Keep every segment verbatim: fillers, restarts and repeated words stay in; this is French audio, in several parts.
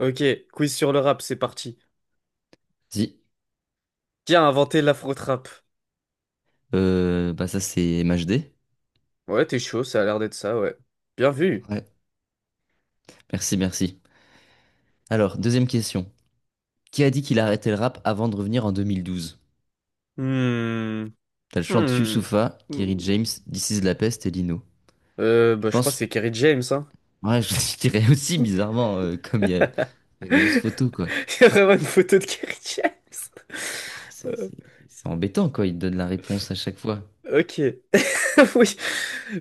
Ok, quiz sur le rap, c'est parti. Si, Qui a inventé l'afro-trap? euh, bah ça c'est M H D. Ouais, t'es chaud, ça a l'air d'être ça, ouais. Bien vu. Ouais. Merci, merci. Alors, deuxième question. Qui a dit qu'il arrêtait le rap avant de revenir en deux mille douze? Hmm. T'as le chant de Hmm. Youssoupha, Kerry Hmm. James, This is la peste et Lino. Euh, Je bah, je crois que pense, c'est Kerry James, hein. ouais, je dirais aussi bizarrement, euh, comme il y a une grosse photo, quoi. Il y a vraiment une photo de Kerry James. Bah, c'est Euh, c'est- c'est embêtant, quoi, il te donne la réponse à chaque fois. Ok. Oui.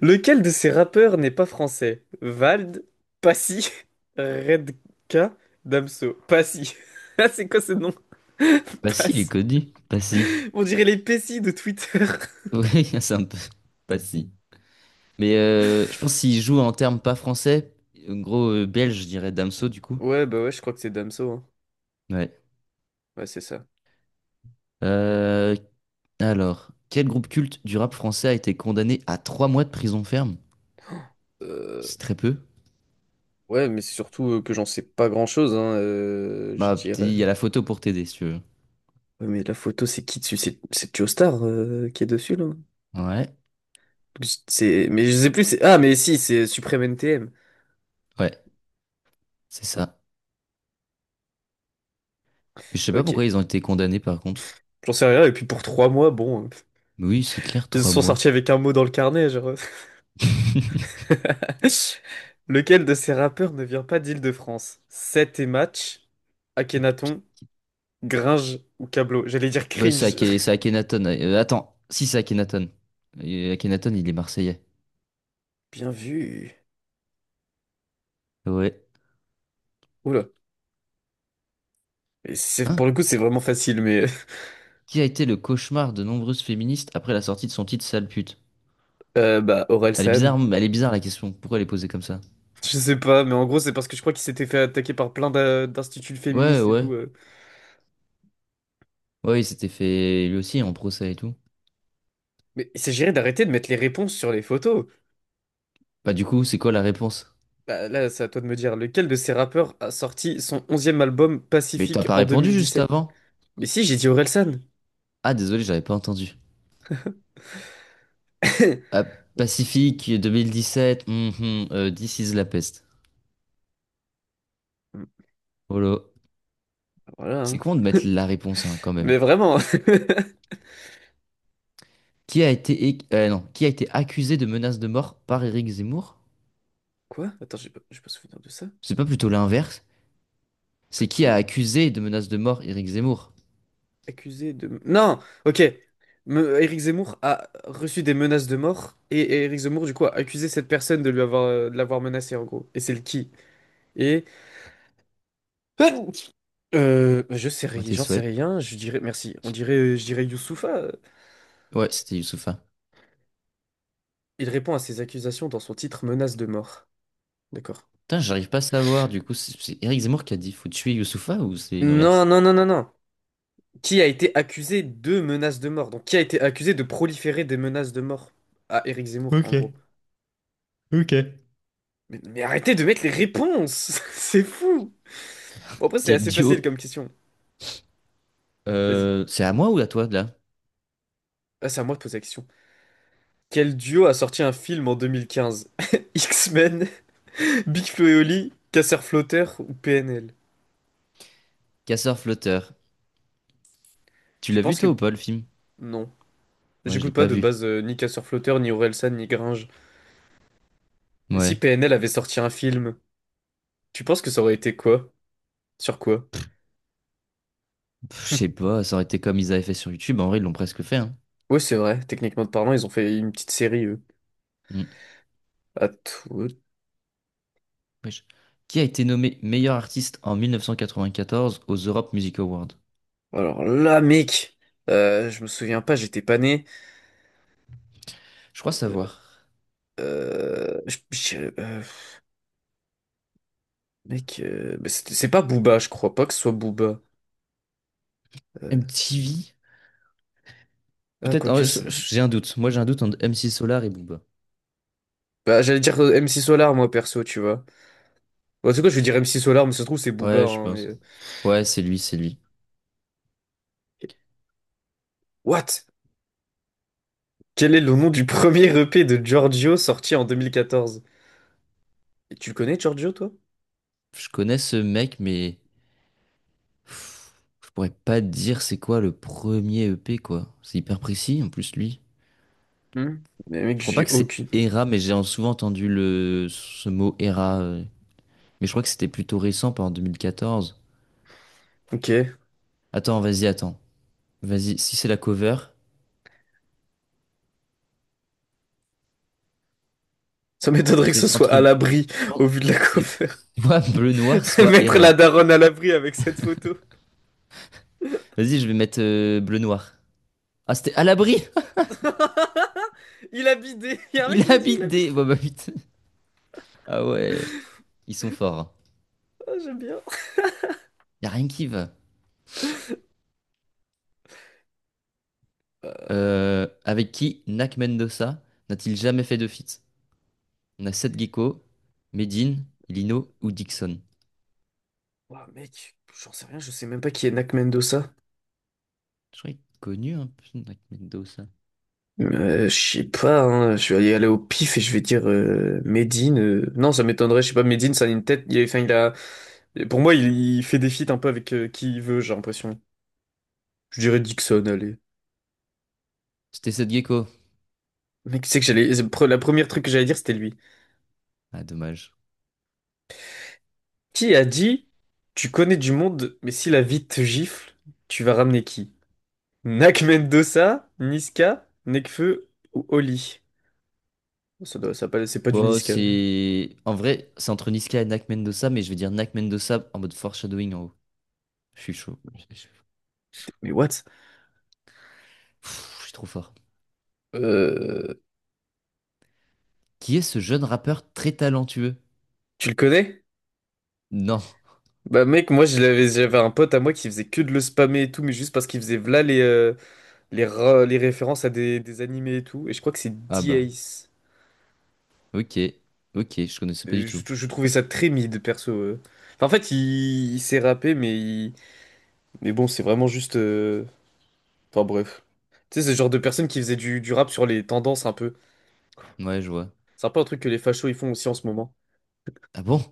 Lequel de ces rappeurs n'est pas français? Vald, Passy, Redka, Damso. Passy. Ah, c'est quoi ce nom? Bah si, il est Passy. connu. Bah si. On dirait les Pessi de Twitter. Oui, c'est un peu... Bah si. Mais euh, je pense s'il joue en termes pas français, en gros, euh, belge, je dirais Damso, du coup. Ouais, bah ouais, je crois que c'est Damso, hein. Ouais. Ouais, c'est ça. Euh, alors, quel groupe culte du rap français a été condamné à trois mois de prison ferme? Euh, C'est très peu. Ouais, mais c'est surtout euh, que j'en sais pas grand-chose, hein, euh, je Bah, dirais. petit, il y a la photo pour t'aider si tu veux. Ouais, mais la photo, c'est qui dessus? C'est c'est Joe Star, euh, qui est dessus, là? Ouais, Je- C'est... Mais je sais plus. c'est... Ah, mais si, c'est Supreme N T M. ouais, c'est ça. Je sais pas pourquoi ils Ok, ont été condamnés par contre. j'en sais rien. Et puis pour trois mois, bon, euh, Mais oui, c'est clair, ils se trois sont mois. sortis avec un mot dans le carnet, genre. Lequel de ces rappeurs ne vient pas d'Île-de-France? Seth et Match, Akhenaton, Gringe ou Cablo? J'allais dire Bah, c'est cringe. Ake- c'est Akhenaton. Euh, attends, si c'est Akhenaton. Et Akhenaton, il est marseillais. Bien vu. Ouais. Oula. Et c'est- pour Hein? le coup, c'est vraiment facile, mais. Qui a été le cauchemar de nombreuses féministes après la sortie de son titre Sale pute? euh, bah, Elle est Orelsan. bizarre, elle est bizarre la question. Pourquoi elle est posée comme ça? Je sais pas, mais en gros, c'est parce que je crois qu'il s'était fait attaquer par plein d'a- d'instituts Ouais, féministes et ouais. tout. euh. Ouais, il s'était fait lui aussi en procès et tout. Mais il s'agirait d'arrêter de mettre les réponses sur les photos. Bah du coup, c'est quoi la réponse? Bah, là, c'est à toi de me dire, lequel de ces rappeurs a sorti son onzième album Mais t'as Pacifique pas en répondu juste deux mille dix-sept? avant? Mais si, j'ai dit Orelsan. Ah désolé, j'avais pas entendu. Ah, Pacifique deux mille dix-sept, mhm, euh, This is la peste. Holo. Voilà, C'est hein. con de mettre la réponse hein, quand Mais même. vraiment. Qui a été, é- euh, non, qui a été accusé de menace de mort par Éric Zemmour? Quoi? Attends, j'ai pas, j'ai pas souvenir de ça. C'est pas plutôt l'inverse? C'est qui a Peut-on accusé de menace de mort Éric Zemmour? accuser de... Non! Ok. Me- Éric Zemmour a reçu des menaces de mort et et Éric Zemmour, du coup, a accusé cette personne de lui avoir, euh, de l'avoir menacé, en gros. Et c'est le qui? Et euh, je sais À rien, tes j'en sais souhaits. rien. Je dirais merci. On dirait, euh, je dirais Youssoupha. euh, Ouais, c'était Youssoupha. Il répond à ces accusations dans son titre menace de mort. D'accord. Putain, j'arrive pas à savoir, du coup, c'est c'est Éric Zemmour qui a dit faut tuer Youssoupha ou c'est Non, l'inverse? non, non, non, non. Qui a été accusé de menaces de mort? Donc qui a été accusé de proliférer des menaces de mort à Éric Zemmour, en Ok, gros. ok. Mais, mais arrêtez de mettre les réponses! C'est fou! Bon, après c'est Quel assez facile duo? comme question. Vas-y. Euh, c'est à moi ou à toi, là? Ah, c'est à moi de poser la question. Quel duo a sorti un film en deux mille quinze, X-Men, Big Flo et Oli, Casseur Flotteur ou P N L? Casseur-flotteur. Tu Tu l'as vu, penses que... toi, ou pas, le film? Non. Moi, je l'ai J'écoute pas pas de vu. base, euh, ni Casseur Flotteur, ni Orelsan, ni Gringe. Et si Ouais. P N L avait sorti un film, tu penses que ça aurait été quoi? Sur quoi? Pff, je sais pas, ça aurait été comme ils avaient fait sur YouTube. En vrai, ils l'ont presque fait, hein. Ouais, c'est vrai, techniquement parlant, ils ont fait une petite série, eux. Mm. À tout- Wesh. Qui a été nommé meilleur artiste en mille neuf cent quatre-vingt-quatorze aux Europe Music Awards? Alors là, mec, euh, je me souviens pas, j'étais pas né. Je crois Euh, savoir. euh, je- je- euh, mec, euh, mais c'est c'est pas Booba, je crois pas que ce soit Booba. Euh, M T V? ah, Peut-être, quoi en que vrai, je- c'est. je- j'ai un doute. Moi, j'ai un doute entre M C Solar et Booba. Bah, j'allais dire, euh, M C Solar, moi, perso, tu vois. Bon, en tout cas, je vais dire M C Solar, mais ça se trouve, c'est Booba, Ouais, je hein, mais... pense. euh, Ouais, c'est lui, c'est lui. What? Quel est le nom du premier E P de Giorgio sorti en deux mille quatorze? Et tu le connais Giorgio, toi? Je connais ce mec, mais... Je pourrais pas te dire c'est quoi le premier E P, quoi. C'est hyper précis, en plus, lui. Hmm. Mais mec, Je crois pas j'ai que c'est aucune. Era, mais j'ai souvent entendu le... ce mot Era. euh. Mais je crois que c'était plutôt récent, pas en deux mille quatorze. Ok. Attends, vas-y, attends. Vas-y, si c'est la cover, Ça m'étonnerait que ce c'est soit à entre... l'abri au bon, vu de la c'est cover. soit Bleu Noir, soit Mettre la Era. daronne à l'abri avec cette photo. Vas-y, je vais mettre euh, Bleu Noir. Ah, c'était à l'abri! Il a bidé. Il y a un mec qui Il l'a dit, il a habite des... bidé. Bon, bah, putain. Ah ouais, ils sont forts. Hein. Ah, j'aime bien. Y a rien qui va. Euh, Euh, avec qui Nak Mendoza n'a-t-il jamais fait de feat? On a Seth Gecko, Medine, Lino ou Dixon. Oh, mec, j'en sais rien, je sais même pas qui est Nak Mendoza. Je crois qu'il est connu un peu, Nak Mendoza. Euh, je sais pas, hein, je vais y aller au pif et je vais dire, euh, Medine. euh, Non, ça m'étonnerait, je sais pas, Medine, ça a une tête. Il, est- enfin, il a. Et pour moi, il, il fait des feats un peu avec, euh, qui il veut, j'ai l'impression. Je dirais Dixon, allez. C'était Seth Gecko. Mec, tu sais que j'allais. c'est pre- La première truc que j'allais dire, c'était lui. Ah, dommage. Qui a dit, tu connais du monde, mais si la vie te gifle, tu vas ramener qui? Nak Mendoza, Niska, Nekfeu ou Oli? Ça doit, ça pas, c'est pas du Bon, Niska. c'est. En vrai, c'est entre Niska et Nak Mendoza, mais je vais dire Nak Mendoza en mode foreshadowing en haut. Je suis chaud. Je je- Mais what? Pff, je suis trop fort. Euh, Qui est ce jeune rappeur très talentueux? Tu le connais? Non. Bah mec, moi je l'avais, j'avais un pote à moi qui faisait que de le spammer et tout, mais juste parce qu'il faisait v'là les, euh, les, ra- les références à des, des animés et tout. Et je crois que c'est Ah bah. D-Ace. Ok. Ok, je connaissais pas Euh, du tout. Je, je trouvais ça très mid, perso. euh. Enfin, en fait, il, il s'est rappé, mais, il- mais bon, c'est vraiment juste. euh, Enfin, bref. Tu sais, c'est le genre de personne qui faisait du, du rap sur les tendances un peu. Ouais, je vois. C'est un peu un truc que les fachos ils font aussi en ce moment. Ah bon?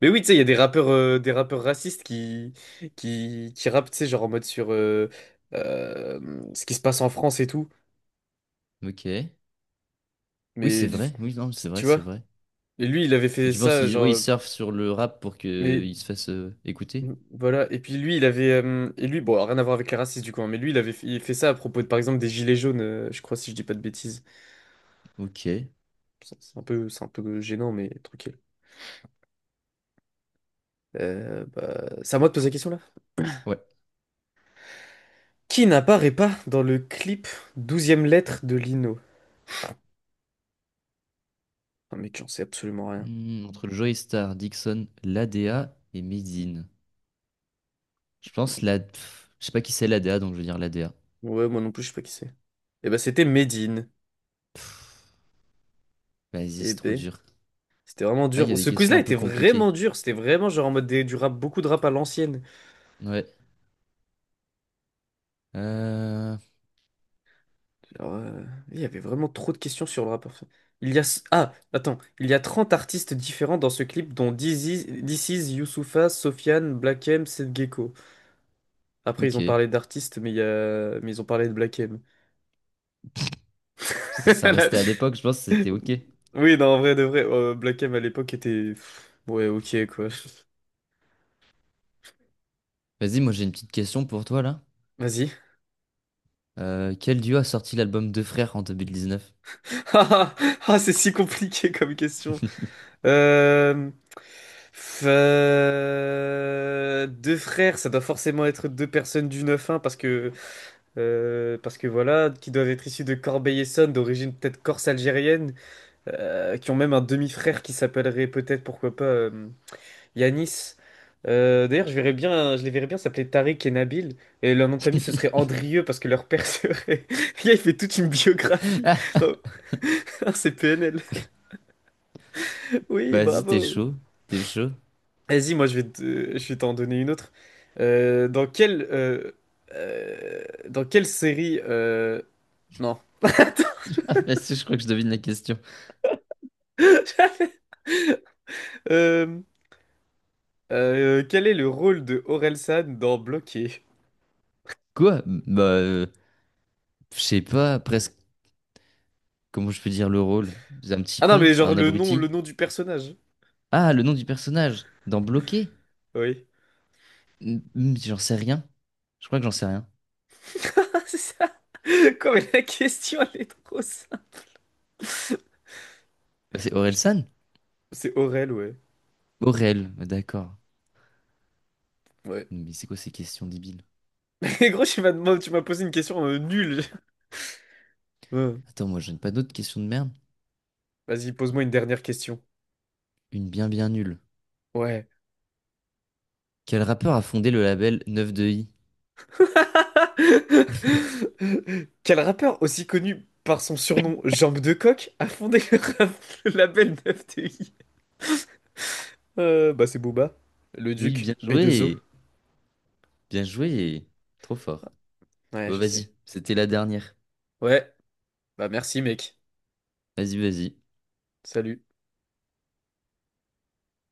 Mais oui, tu sais, il y a des rappeurs, euh, des rappeurs racistes qui, qui, qui rappent, tu sais, genre en mode sur euh, euh, ce qui se passe en France et tout. Ok. Oui, c'est Mais vrai. Oui, non, c'est vrai, tu c'est vois? vrai. Et lui, il avait Et fait tu penses ça, qu'ils ouais, ils genre. surfent sur le rap pour Mais qu'ils se fassent euh, écouter? Mm, Voilà, et puis lui, il avait. Euh, et lui, bon, rien à voir avec les racistes du coup, hein, mais lui, il avait fait, il fait ça à propos de, par exemple, des gilets jaunes, euh, je crois, si je dis pas de bêtises. Ok. Ça, C'est un peu, c'est un peu gênant, mais tranquille. Euh, bah, c'est à moi de poser la question là. Ouais. Qui n'apparaît pas dans le clip douzième lettre de Lino? Ah, mec, j'en sais absolument rien. Hmm, entre le Joey Star, Dixon, l'A D A et Medine. Je pense la... pff, je sais pas qui c'est l'A D A, donc je vais dire l'A D A. Ouais, moi non plus, je sais pas qui c'est. Et bah, c'était Medine. Vas-y, Et c'est trop B. dur. C'était vraiment Ah, il y a dur. des Ce questions quiz-là un était peu vraiment compliquées. dur. C'était vraiment genre en mode des- du rap, beaucoup de rap à l'ancienne. Ouais. Euh... Alors, euh, il y avait vraiment trop de questions sur le rappeur. Il y a... Ah, attends. Il y a trente artistes différents dans ce clip, dont Dizzy, This Is, Youssoupha, Sofiane, Black M, Seth Gecko. Après, ils ont Ok. parlé d'artistes, mais, il y a... mais ils ont parlé de Black M. Ça, ça restait à l'époque, je pense que c'était ok. Oui, non, en vrai, de vrai, euh, Black M à l'époque était... pff, ouais, ok, quoi. Vas-y, moi j'ai une petite question pour toi là. Vas-y. Euh, quel duo a sorti l'album Deux Frères en deux mille dix-neuf? Ah, ah, ah, c'est si compliqué comme question. Euh... F- euh, Deux frères, ça doit forcément être deux personnes du neuf un, parce que Euh, parce que voilà, qui doivent être issus de Corbeil-Essonnes, d'origine peut-être corse algérienne, euh, qui ont même un demi-frère qui s'appellerait peut-être, pourquoi pas, euh, Yanis. Euh, d'ailleurs, je verrais bien, je les verrais bien s'appeler Tariq et Nabil, et leur nom de famille ce serait Andrieux parce que leur père serait. Le gars, il fait toute une biographie. Oh, c'est P N L. Oui, Vas-y, t'es bravo. chaud. T'es chaud. Vas-y, moi je vais te- je vais t'en donner une autre. Euh, dans quelle, euh, euh, dans quelle série, euh, non. Vas-y, je crois que je devine la question. Euh, Euh, quel est le rôle de Orelsan dans Bloqué? Quoi? Bah, euh, je sais pas presque comment je peux dire le rôle. C'est Un petit Ah non, mais con, genre un le nom, le abruti. nom du personnage. Ah, le nom du personnage, dans Bloqué? Oui. Hmm, hmm, j'en sais rien. Je crois que j'en sais rien. Ah, c'est ça. Quoi, mais la question, elle est trop simple. Bah, c'est Aurel San? C'est Aurel, ouais. Aurel, bah, d'accord. Ouais. Mais c'est quoi ces questions débiles? Et gros, tu m'as demandé- tu m'as posé une question, euh, nulle. Ouais. Attends, moi, je n'ai pas d'autres questions de merde. Vas-y, pose-moi une dernière question. Une bien bien nulle. Ouais. Quel rappeur a fondé le label quatre-vingt-douze i? Quel rappeur aussi connu par son surnom Jambe de coq a fondé le, rap- le label neuf T I? Euh, bah c'est Booba, le Oui, Duc, bien B deux O. joué! Bien joué! Trop fort. Ouais, Bon, je sais. vas-y, c'était la dernière. Ouais, bah merci mec. Vas-y, vas-y. Salut.